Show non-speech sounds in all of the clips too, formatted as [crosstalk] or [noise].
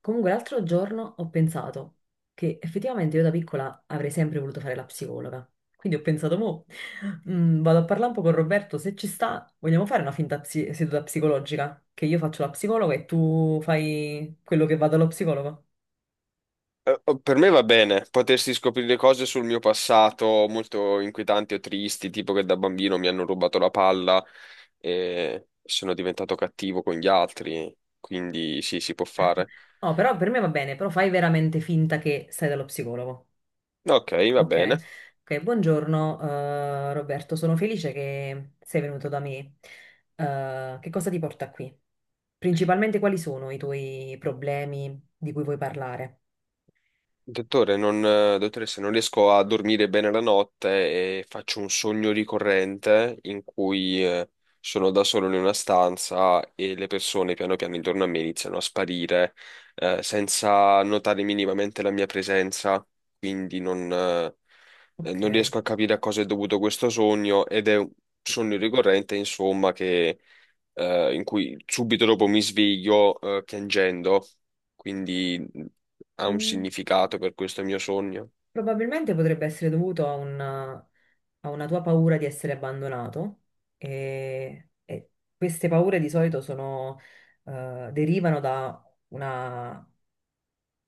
Comunque l'altro giorno ho pensato che effettivamente io da piccola avrei sempre voluto fare la psicologa. Quindi ho pensato, mo, vado a parlare un po' con Roberto, se ci sta, vogliamo fare una finta seduta psicologica? Che io faccio la psicologa e tu fai quello che va dallo psicologo? Eh, oh, per me va bene potersi scoprire cose sul mio passato molto inquietanti o tristi, tipo che da bambino mi hanno rubato la palla e sono diventato cattivo con gli altri, quindi sì, si può fare. No, però per me va bene, però fai veramente finta che stai dallo psicologo. No, ok, va Ok. bene. Ok, buongiorno, Roberto, sono felice che sei venuto da me. Che cosa ti porta qui? Principalmente quali sono i tuoi problemi di cui vuoi parlare? Dottore, non, dottoressa, non riesco a dormire bene la notte e faccio un sogno ricorrente in cui sono da solo in una stanza e le persone piano piano intorno a me iniziano a sparire senza notare minimamente la mia presenza, quindi non Ok. riesco a capire a cosa è dovuto questo sogno ed è un sogno ricorrente, insomma, che in cui subito dopo mi sveglio piangendo, quindi ha un Mm, significato per questo mio sogno. probabilmente potrebbe essere dovuto a una tua paura di essere abbandonato e queste paure di solito sono, derivano da una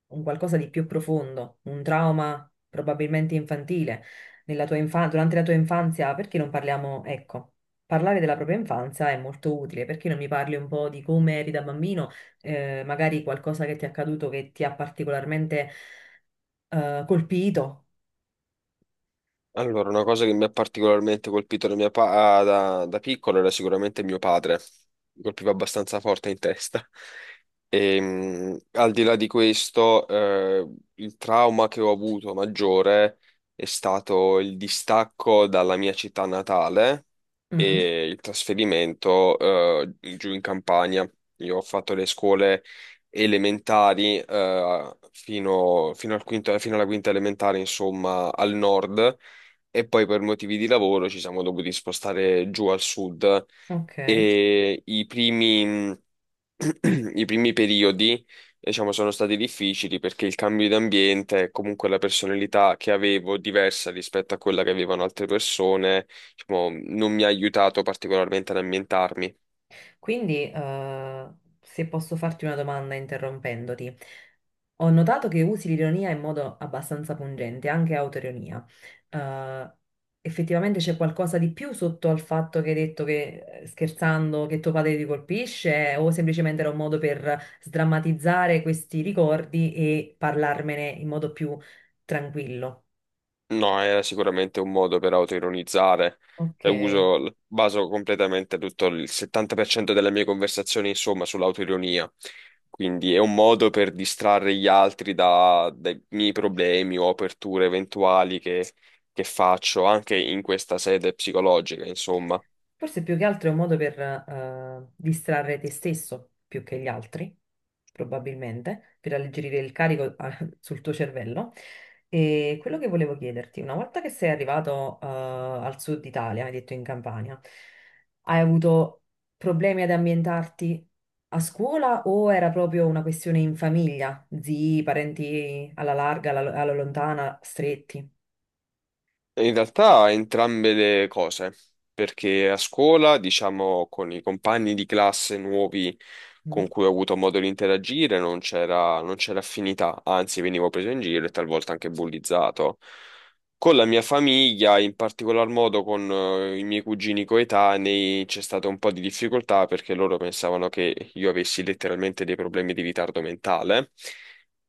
un qualcosa di più profondo, un trauma probabilmente infantile nella tua infanzia, durante la tua infanzia. Perché non parliamo, ecco, parlare della propria infanzia è molto utile. Perché non mi parli un po' di come eri da bambino, magari qualcosa che ti è accaduto che ti ha particolarmente, colpito? Allora, una cosa che mi ha particolarmente colpito da, mia pa- ah, da, da piccolo era sicuramente mio padre, mi colpiva abbastanza forte in testa. [laughs] E, al di là di questo, il trauma che ho avuto maggiore è stato il distacco dalla mia città natale Mm, e il trasferimento, giù in Campania. Io ho fatto le scuole elementari, fino alla quinta elementare, insomma, al nord e poi per motivi di lavoro ci siamo dovuti spostare giù al sud ok. e [clears throat] i primi periodi, diciamo, sono stati difficili perché il cambio di ambiente, e comunque la personalità che avevo diversa rispetto a quella che avevano altre persone, diciamo, non mi ha aiutato particolarmente ad ambientarmi. Quindi, se posso farti una domanda interrompendoti, ho notato che usi l'ironia in modo abbastanza pungente, anche autoironia. Eh, effettivamente c'è qualcosa di più sotto al fatto che hai detto, che scherzando che tuo padre ti colpisce, o semplicemente era un modo per sdrammatizzare questi ricordi e parlarmene in modo più tranquillo? No, era sicuramente un modo per autoironizzare. Ok. Baso completamente tutto il 70% delle mie conversazioni, insomma, sull'autoironia. Quindi è un modo per distrarre gli altri dai miei problemi o aperture eventuali che faccio anche in questa sede psicologica, insomma. Forse più che altro è un modo per, distrarre te stesso più che gli altri, probabilmente, per alleggerire il carico [laughs] sul tuo cervello. E quello che volevo chiederti, una volta che sei arrivato, al sud Italia, hai detto in Campania, hai avuto problemi ad ambientarti a scuola o era proprio una questione in famiglia? Zii, parenti alla larga, alla, alla lontana, stretti? In realtà entrambe le cose, perché a scuola, diciamo, con i compagni di classe nuovi Mm? con cui ho avuto modo di interagire, non c'era affinità, anzi venivo preso in giro e talvolta anche bullizzato. Con la mia famiglia, in particolar modo con i miei cugini coetanei, c'è stata un po' di difficoltà perché loro pensavano che io avessi letteralmente dei problemi di ritardo mentale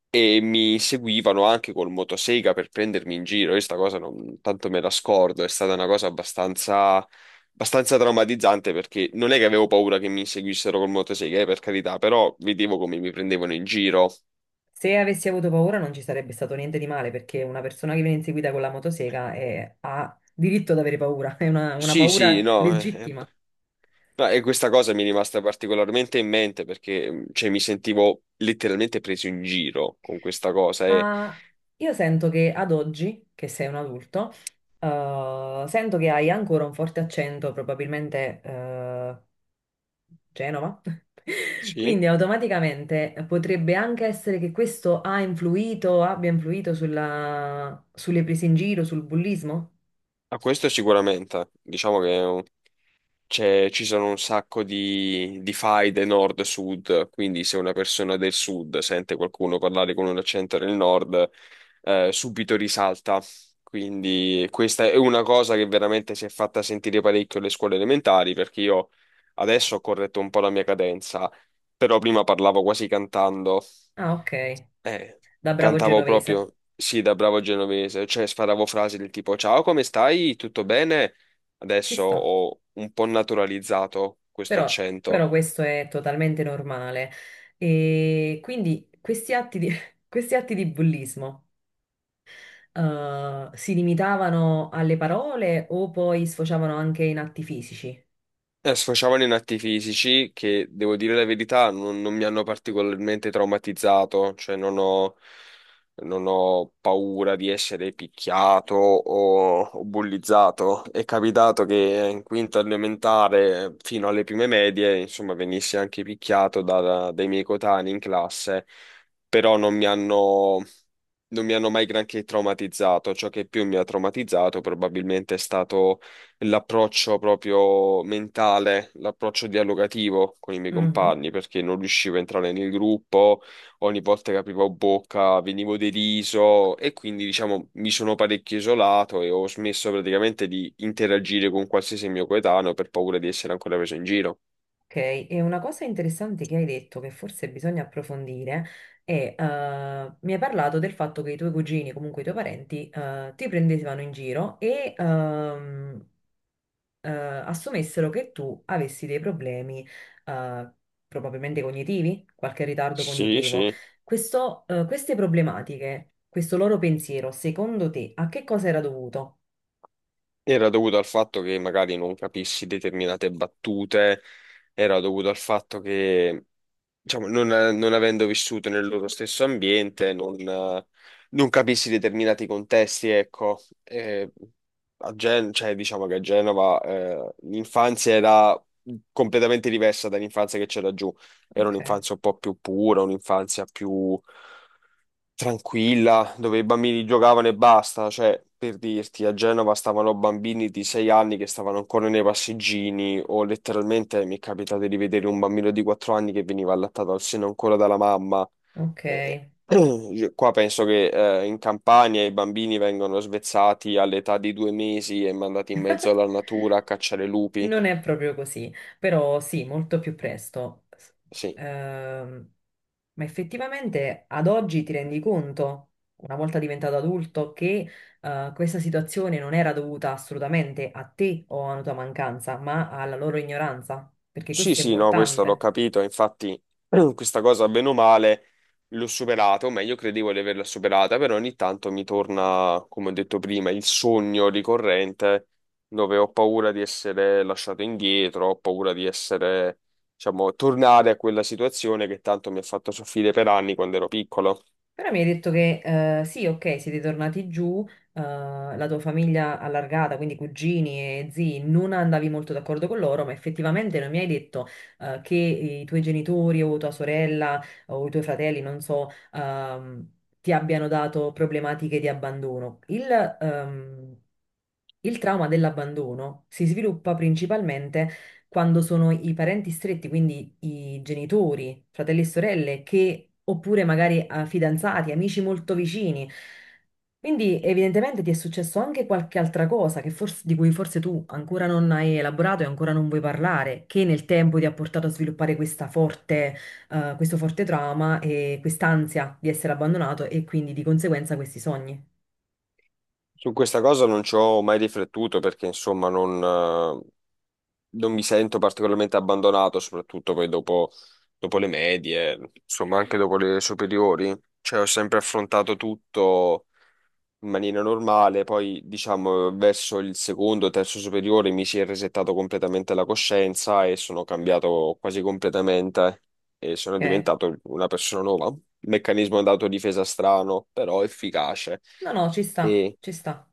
e mi seguivano anche col motosega per prendermi in giro. Io sta cosa non tanto me la scordo, è stata una cosa abbastanza traumatizzante perché non è che avevo paura che mi seguissero col motosega, per carità, però vedevo come mi prendevano in giro. Se avessi avuto paura non ci sarebbe stato niente di male, perché una persona che viene inseguita con la motosega ha diritto ad avere paura, [laughs] è una Sì, paura sì, no. eh, legittima. ma- e questa cosa mi è rimasta particolarmente in mente perché cioè, mi sentivo letteralmente preso in giro con questa cosa. E, Ma io sento che ad oggi, che sei un adulto, sento che hai ancora un forte accento, probabilmente, Genova. [laughs] sì, Quindi automaticamente potrebbe anche essere che questo ha influito, abbia influito sulle prese in giro, sul bullismo? a questo sicuramente. Diciamo che ci sono un sacco di faide nord-sud, quindi se una persona del sud sente qualcuno parlare con un accento del nord, subito risalta. Quindi questa è una cosa che veramente si è fatta sentire parecchio alle scuole elementari, perché io adesso ho corretto un po' la mia cadenza, però prima parlavo quasi cantando. Ah, ok, Eh, da bravo cantavo genovese. proprio, sì, da bravo genovese, cioè sparavo frasi del tipo: "Ciao, come stai? Tutto bene?" Ci Adesso sta, ho un po' naturalizzato questo però, accento. però questo è totalmente normale. E quindi questi atti di, [laughs] questi atti di bullismo, si limitavano alle parole o poi sfociavano anche in atti fisici? Sfociavano in atti fisici che, devo dire la verità, non mi hanno particolarmente traumatizzato, cioè non ho paura di essere picchiato o bullizzato. È capitato che in quinta elementare, fino alle prime medie, insomma, venissi anche picchiato dai miei coetanei in classe, però non mi hanno mai granché traumatizzato. Ciò che più mi ha traumatizzato probabilmente è stato l'approccio proprio mentale, l'approccio dialogativo con i miei Mhm. compagni, perché non riuscivo a entrare nel gruppo, ogni volta che aprivo bocca venivo deriso e quindi diciamo mi sono parecchio isolato e ho smesso praticamente di interagire con qualsiasi mio coetaneo per paura di essere ancora preso in giro. Ok, e una cosa interessante che hai detto, che forse bisogna approfondire, è, mi hai parlato del fatto che i tuoi cugini, comunque i tuoi parenti, ti prendevano in giro e, assumessero che tu avessi dei problemi, eh, probabilmente cognitivi, qualche ritardo Sì, cognitivo. sì. Questo, queste problematiche, questo loro pensiero, secondo te, a che cosa era dovuto? Era dovuto al fatto che magari non capissi determinate battute, era dovuto al fatto che, diciamo, non avendo vissuto nel loro stesso ambiente, non capissi determinati contesti, ecco. Eh, cioè, diciamo che a Genova, l'infanzia era completamente diversa dall'infanzia che c'era giù. Era Ok, un'infanzia un po' più pura, un'infanzia più tranquilla, dove i bambini giocavano e basta, cioè per dirti, a Genova stavano bambini di 6 anni che stavano ancora nei passeggini o letteralmente mi è capitato di vedere un bambino di 4 anni che veniva allattato al seno ancora dalla mamma. E- ok. [clears throat] Qua penso che in Campania i bambini vengono svezzati all'età di 2 mesi e mandati in mezzo alla natura a cacciare lupi. Non è proprio così, però sì, molto più presto. Sì. ehm, ma effettivamente ad oggi ti rendi conto, una volta diventato adulto, che questa situazione non era dovuta assolutamente a te o a una tua mancanza, ma alla loro ignoranza, perché Sì, questo è sì, no, questo l'ho importante. capito, infatti [clears throat] questa cosa bene o male l'ho superata, o meglio credevo di averla superata, però ogni tanto mi torna, come ho detto prima, il sogno ricorrente dove ho paura di essere lasciato indietro, ho paura di essere, diciamo, tornare a quella situazione che tanto mi ha fatto soffrire per anni quando ero piccolo. Però mi hai detto che, sì, ok, siete tornati giù, eh, la tua famiglia allargata, quindi cugini e zii, non andavi molto d'accordo con loro, ma effettivamente non mi hai detto, che i tuoi genitori o tua sorella o i tuoi fratelli, non so, ti abbiano dato problematiche di abbandono. Ehm, il trauma dell'abbandono si sviluppa principalmente quando sono i parenti stretti, quindi i genitori, fratelli e sorelle, che, oppure magari, fidanzati, amici molto vicini. Quindi evidentemente ti è successo anche qualche altra cosa che di cui forse tu ancora non hai elaborato e ancora non vuoi parlare, che nel tempo ti ha portato a sviluppare questa forte, questo forte trauma e quest'ansia di essere abbandonato e quindi di conseguenza questi sogni. Su questa cosa non ci ho mai riflettuto perché, insomma, non mi sento particolarmente abbandonato, soprattutto poi dopo, dopo le medie, insomma anche dopo le superiori. Cioè ho sempre affrontato tutto in maniera normale, poi diciamo verso il secondo, terzo superiore mi si è resettato completamente la coscienza e sono cambiato quasi completamente e sono Ok? diventato una persona nuova. Meccanismo d'autodifesa strano, però efficace. No, no, ci sta, E ci sta.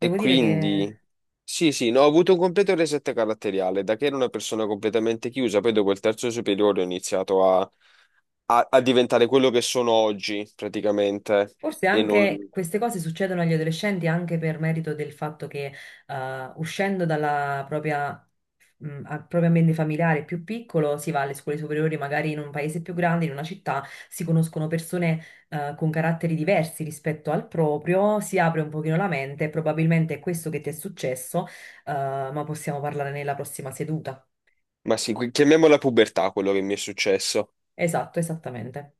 e dire quindi, che sì, sì, no, ho avuto un completo reset caratteriale, da che ero una persona completamente chiusa, poi dopo il terzo superiore ho iniziato a diventare quello che sono oggi, praticamente, forse e anche non. queste cose succedono agli adolescenti anche per merito del fatto che, uscendo dalla propria, proprio ambiente familiare più piccolo si va alle scuole superiori, magari in un paese più grande, in una città, si conoscono persone, con caratteri diversi rispetto al proprio, si apre un pochino la mente, probabilmente è questo che ti è successo, ma possiamo parlare nella prossima seduta. Ma sì, chiamiamola pubertà quello che mi è successo. Esatto, esattamente.